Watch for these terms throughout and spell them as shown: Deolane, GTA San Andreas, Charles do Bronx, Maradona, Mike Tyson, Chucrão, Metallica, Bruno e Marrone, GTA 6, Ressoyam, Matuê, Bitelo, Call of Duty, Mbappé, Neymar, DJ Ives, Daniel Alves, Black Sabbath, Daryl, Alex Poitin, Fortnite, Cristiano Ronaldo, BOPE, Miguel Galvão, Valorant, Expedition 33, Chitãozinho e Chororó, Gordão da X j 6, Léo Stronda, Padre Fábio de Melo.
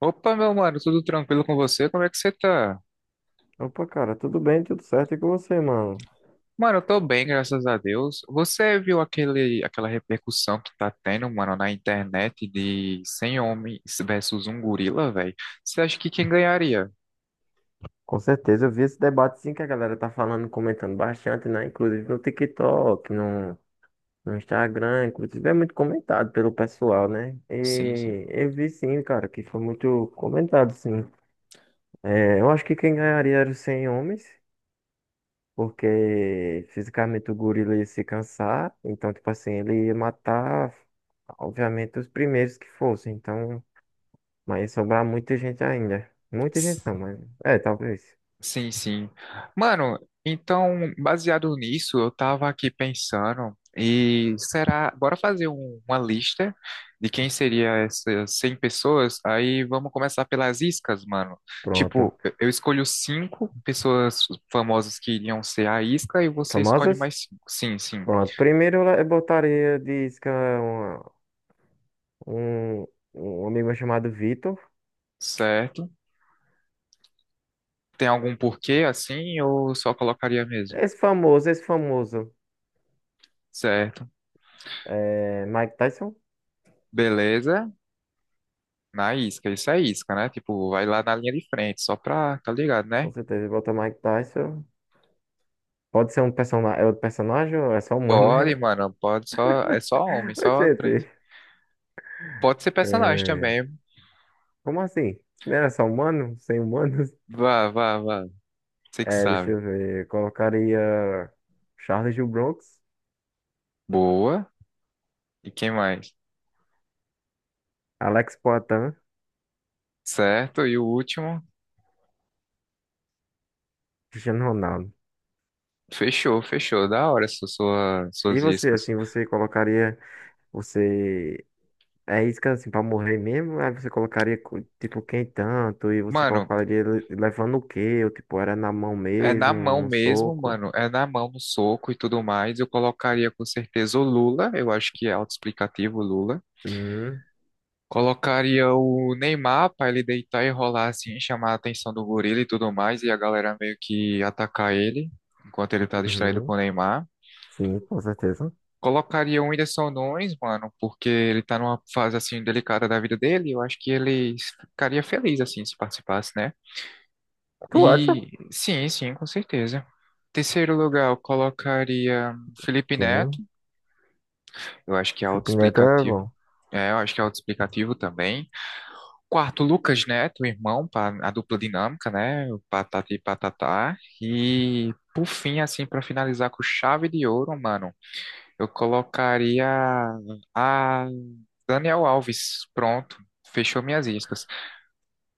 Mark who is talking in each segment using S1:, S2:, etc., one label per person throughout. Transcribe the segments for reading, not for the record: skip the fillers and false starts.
S1: Opa, meu mano, tudo tranquilo com você? Como é que você tá?
S2: Opa, cara, tudo bem, tudo certo e com você, mano?
S1: Mano, eu tô bem, graças a Deus. Você viu aquela repercussão que tá tendo, mano, na internet de 100 homens versus um gorila, velho? Você acha que quem ganharia?
S2: Com certeza, eu vi esse debate sim que a galera tá falando, comentando bastante, né? Inclusive no TikTok, no Instagram, inclusive é muito comentado pelo pessoal, né?
S1: Sim,
S2: E eu vi sim, cara, que foi muito comentado, sim. É, eu acho que quem ganharia era os 100 homens, porque fisicamente o gorila ia se cansar, então, tipo assim, ele ia matar, obviamente, os primeiros que fossem, então... Mas sobrar muita gente ainda. Muita gente não,
S1: sim.
S2: mas. É, talvez.
S1: Sim, sim. Mano, então, baseado nisso, eu tava aqui pensando, e será, bora fazer uma lista de quem seria essas 100 pessoas? Aí vamos começar pelas iscas, mano.
S2: Pronto.
S1: Tipo, eu escolho cinco pessoas famosas que iriam ser a isca e você escolhe
S2: Famosas?
S1: mais cinco. Sim, sim.
S2: Pronto. Primeiro eu botaria de isca um, um, um amigo meu chamado Vitor.
S1: Certo. Tem algum porquê assim ou só colocaria mesmo?
S2: Esse famoso, esse famoso.
S1: Certo.
S2: É Mike Tyson.
S1: Beleza. Na isca, isso é isca, né? Tipo, vai lá na linha de frente, só pra, tá ligado, né?
S2: Com certeza, bota Mike Tyson. Pode ser um personagem. É outro personagem ou é só humano,
S1: Pode,
S2: né?
S1: mano, pode só. É só homem,
S2: Ô,
S1: só três.
S2: gente.
S1: Pode ser personagem
S2: É...
S1: também.
S2: Como assim? Não era só humano? Sem humanos?
S1: Vá, vá, vá. Você que
S2: É, deixa
S1: sabe.
S2: eu ver. Colocaria Charles do Bronx,
S1: Boa. E quem mais?
S2: Alex Poitin.
S1: Certo, e o último.
S2: Cristiano Ronaldo.
S1: Fechou, fechou. Da hora
S2: E
S1: suas
S2: você,
S1: iscas.
S2: assim, você colocaria, você é isca, assim, pra morrer mesmo? Aí você colocaria, tipo, quem tanto? E você
S1: Mano,
S2: colocaria levando o quê? Ou, tipo, era na mão
S1: é
S2: mesmo,
S1: na mão
S2: num
S1: mesmo,
S2: soco?
S1: mano. É na mão, no soco e tudo mais. Eu colocaria com certeza o Lula. Eu acho que é autoexplicativo o Lula.
S2: Hum,
S1: Colocaria o Neymar pra ele deitar e rolar assim, chamar a atenção do gorila e tudo mais, e a galera meio que atacar ele, enquanto ele tá distraído
S2: uhum.
S1: com o Neymar.
S2: Sim, com certeza.
S1: Colocaria o Whindersson Nunes, mano, porque ele tá numa fase assim delicada da vida dele, eu acho que ele ficaria feliz assim se participasse, né?
S2: Tu acha?
S1: E sim, sim, com certeza. Terceiro lugar, eu colocaria Felipe
S2: Sim.
S1: Neto, eu acho que é
S2: Supineta é
S1: autoexplicativo.
S2: bom.
S1: É, eu acho que é autoexplicativo também. Quarto, Lucas Neto, irmão, para a dupla dinâmica, né? O Patati e Patatá. E por fim, assim, para finalizar com chave de ouro, mano, eu colocaria a Daniel Alves. Pronto, fechou minhas iscas.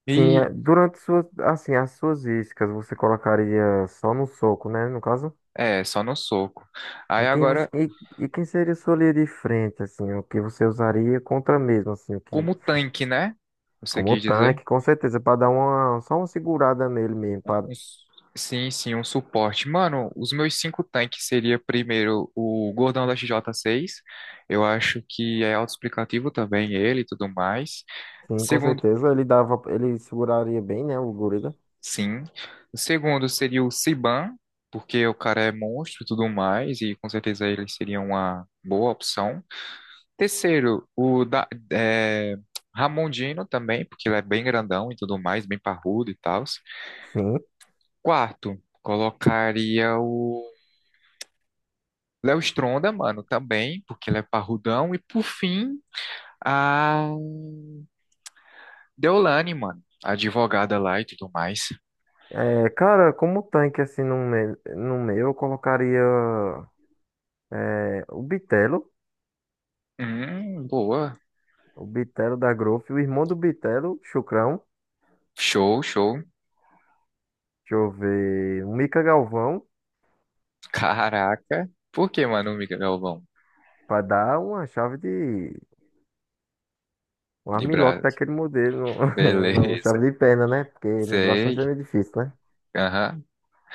S2: Sim, é,
S1: E
S2: durante suas, assim, as suas iscas, você colocaria só no soco, né, no caso?
S1: é, só no soco. Aí
S2: E quem você,
S1: agora,
S2: e quem seria sua linha de frente, assim, o que você usaria contra mesmo, assim, o que
S1: como tanque, né? Você
S2: Como o
S1: quis dizer?
S2: tanque, com certeza, para dar uma, só uma segurada nele mesmo. Pra,
S1: Um s- Sim, sim, um suporte. Mano, os meus cinco tanques seria primeiro o Gordão da XJ6. Eu acho que é autoexplicativo também ele e tudo mais.
S2: sim, com
S1: Segundo,
S2: certeza, ele dava, ele seguraria bem, né, o gorila.
S1: sim. O segundo seria o Siban, porque o cara é monstro e tudo mais, e com certeza ele seria uma boa opção. Terceiro, o da, é, Ramondino também, porque ele é bem grandão e tudo mais, bem parrudo e tal.
S2: Sim.
S1: Quarto, colocaria o Léo Stronda, mano, também, porque ele é parrudão. E por fim, a Deolane, mano, a advogada lá e tudo mais.
S2: É, cara, como tanque, assim, no meu eu colocaria é,
S1: Boa.
S2: o Bitelo da Growth, o irmão do Bitelo, Chucrão.
S1: Show, show.
S2: Deixa eu ver, o Mica Galvão,
S1: Caraca. Por que, mano, Miguel Galvão?
S2: para dar uma chave de... Um
S1: De
S2: armlock
S1: Brás.
S2: daquele modelo, não, uma
S1: Beleza.
S2: chave de perna, né? Porque no braço vai ser
S1: Sei.
S2: meio difícil, né?
S1: Aham.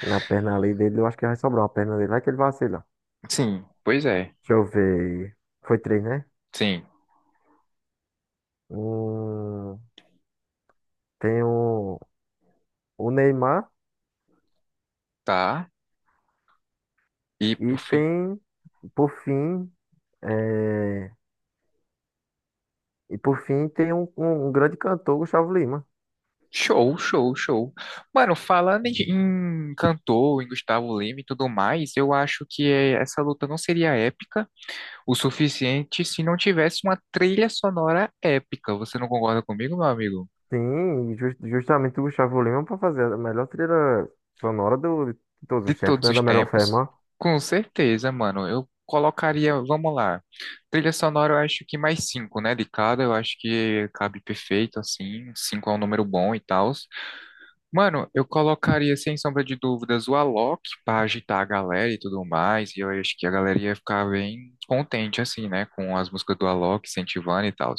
S2: Na perna ali dele, eu acho que vai sobrar uma perna dele, vai que ele vacila.
S1: Sim, pois é.
S2: Deixa eu ver. Foi três, né?
S1: Sim,
S2: Um tem o Neymar
S1: tá. E
S2: e
S1: por fim,
S2: tem, por fim, é, e por fim tem um grande cantor, Gustavo Lima.
S1: show, show, show. Mano, falando em, em cantor, em Gustavo Lima e tudo mais, eu acho que eh, essa luta não seria épica o suficiente se não tivesse uma trilha sonora épica. Você não concorda comigo, meu amigo?
S2: Sim, justamente o Gustavo Lima para fazer a melhor trilha sonora do, de todos
S1: De
S2: os tempos,
S1: todos
S2: né?
S1: os
S2: Da melhor
S1: tempos?
S2: forma.
S1: Com certeza, mano. Eu colocaria, vamos lá. Trilha sonora eu acho que mais cinco, né? De cada, eu acho que cabe perfeito, assim. Cinco é um número bom e tal. Mano, eu colocaria, sem sombra de dúvidas, o Alok pra agitar a galera e tudo mais. E eu acho que a galera ia ficar bem contente, assim, né? Com as músicas do Alok, incentivando e tal.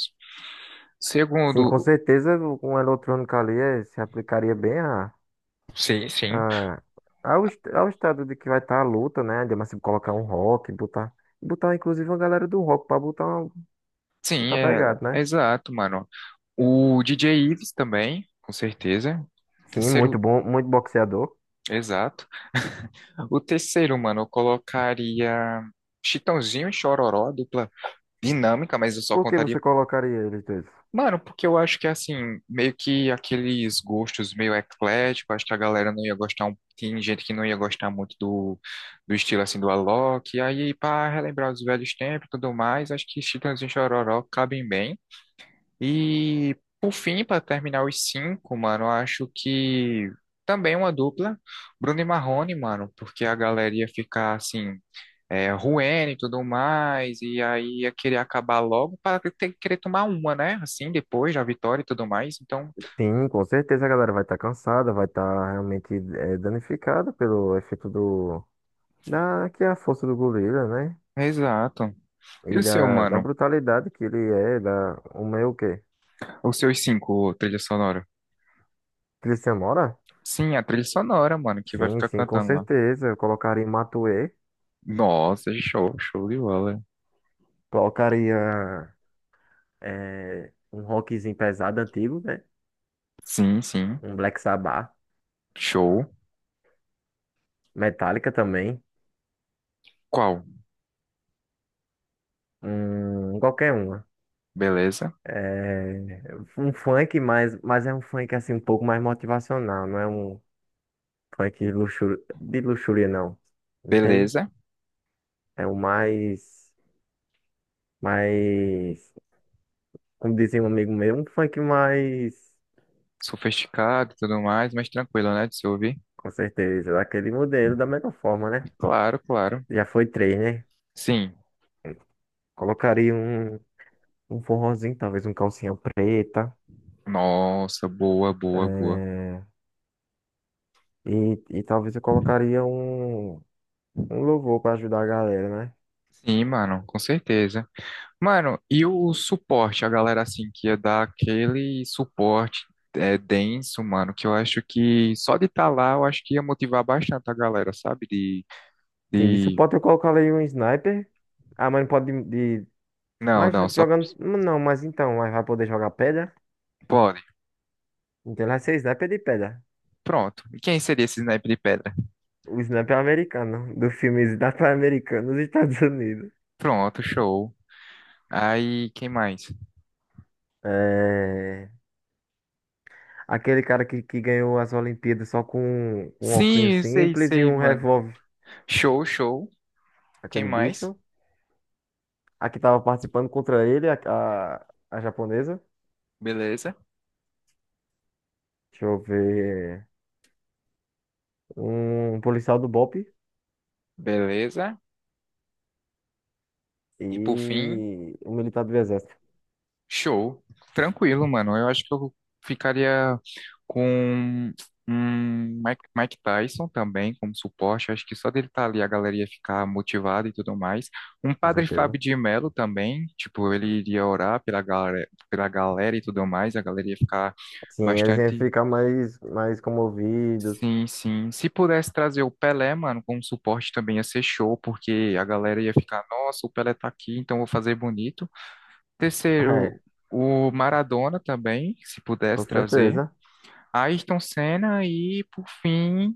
S2: Sim, com
S1: Segundo,
S2: certeza com a eletrônica ali eh, se aplicaria bem
S1: sim, sim,
S2: a, ao estado de que vai estar a luta, né? De, mas se colocar um rock, botar inclusive uma galera do rock para botar.
S1: Sim,
S2: Tá
S1: é,
S2: pegado,
S1: é
S2: né?
S1: exato, mano. O DJ Ives também, com certeza.
S2: Sim, muito
S1: Terceiro,
S2: bom, muito boxeador.
S1: exato. O terceiro, mano, eu colocaria Chitãozinho e Chororó, dupla dinâmica, mas eu só
S2: Por que você
S1: contaria.
S2: colocaria eles dois?
S1: Mano, porque eu acho que assim, meio que aqueles gostos meio eclético, acho que a galera não ia gostar, tem gente que não ia gostar muito do, do estilo assim do Alok, e aí para relembrar os velhos tempos e tudo mais, acho que Chitãozinho e Chororó cabem bem. E por fim, para terminar os cinco, mano, eu acho que também uma dupla, Bruno e Marrone, mano, porque a galera ia ficar assim, é, ruim e tudo mais, e aí ia querer acabar logo para ter, querer tomar uma, né? Assim, depois da vitória e tudo mais. Então,
S2: Sim, com certeza a galera vai estar cansada, vai estar realmente eh, danificada pelo efeito do da que é a força do gorila, né?
S1: exato.
S2: E
S1: E o seu,
S2: da
S1: mano?
S2: brutalidade que ele é, da o meu o quê?
S1: Os seus cinco, trilha sonora?
S2: Cristian Mora?
S1: Sim, a trilha sonora, mano, que vai
S2: Sim,
S1: ficar
S2: sim, com
S1: cantando lá.
S2: certeza. Eu colocaria Matuê,
S1: Nossa, show, show de bola.
S2: colocaria eh, um rockzinho pesado antigo, né?
S1: Sim, sim.
S2: Um Black Sabbath,
S1: Show.
S2: Metallica também,
S1: Qual?
S2: um qualquer um.
S1: Beleza?
S2: É, um funk, mas é um funk assim um pouco mais motivacional, não é um funk de luxúria, não. Entende?
S1: Beleza.
S2: É o mais, mais, como dizia um amigo meu, um funk mais,
S1: Sofisticado e tudo mais, mas tranquilo, né, de se ouvir?
S2: com certeza, daquele modelo da melhor forma, né?
S1: Claro, claro.
S2: Já foi três, né?
S1: Sim.
S2: Colocaria um, um forrozinho, talvez um calcinha preta,
S1: Nossa, boa, boa, boa.
S2: é, e talvez eu colocaria um, um louvor pra ajudar a galera, né?
S1: Sim, mano, com certeza. Mano, e o suporte, a galera assim que ia dar aquele suporte é, denso, mano, que eu acho que só de estar lá, eu acho que ia motivar bastante a galera, sabe?
S2: Sim, de
S1: De...
S2: suporte eu colocar ali um sniper. Ah, mas não pode de.
S1: Não,
S2: Mas
S1: não, só
S2: jogando. Não, mas então, mas vai poder jogar pedra?
S1: pode.
S2: Então ele vai ser sniper de pedra.
S1: Pronto. E quem seria esse naipe de pedra?
S2: O sniper americano, do filme Sniper Americano nos Estados Unidos.
S1: Pronto, show. Aí, quem mais?
S2: É. Aquele cara que ganhou as Olimpíadas só com um, um óculos
S1: Sim, sei,
S2: simples e
S1: sei,
S2: um
S1: mano.
S2: revólver.
S1: Show, show. Quem
S2: Aquele
S1: mais?
S2: bicho. A que tava participando contra ele, a japonesa.
S1: Beleza,
S2: Deixa eu ver. Um policial do BOPE
S1: beleza. E por fim,
S2: e um militar do exército,
S1: show. Tranquilo, mano. Eu acho que eu ficaria com um Mike Tyson também como suporte. Eu acho que só dele estar ali a galera ia ficar motivada e tudo mais. Um
S2: com
S1: Padre
S2: certeza.
S1: Fábio de Melo também. Tipo, ele iria orar pela galera e tudo mais. A galera ia ficar
S2: Sim, eles iam
S1: bastante.
S2: ficar mais, mais comovidos.
S1: Sim, sim. Se pudesse trazer o Pelé, mano, como suporte também ia ser show, porque a galera ia ficar, nossa, o Pelé tá aqui, então vou fazer bonito. Terceiro,
S2: É,
S1: o Maradona também, se
S2: com
S1: pudesse trazer.
S2: certeza.
S1: Ayrton Senna e, por fim,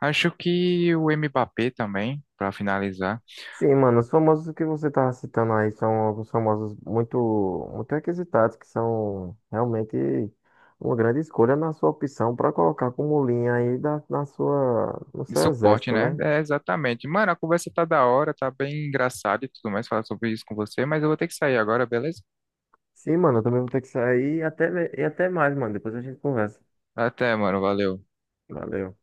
S1: acho que o Mbappé também, pra finalizar.
S2: Sim, mano, os famosos que você tá citando aí são alguns famosos muito, muito requisitados, que são realmente uma grande escolha na sua opção para colocar como linha aí da, na sua, no
S1: De
S2: seu
S1: suporte,
S2: exército,
S1: né?
S2: né?
S1: É, exatamente. Mano, a conversa tá da hora, tá bem engraçada e tudo mais, falar sobre isso com você, mas eu vou ter que sair agora, beleza?
S2: Sim, mano, eu também vou ter que sair e até mais, mano. Depois a gente conversa.
S1: Até, mano, valeu.
S2: Valeu.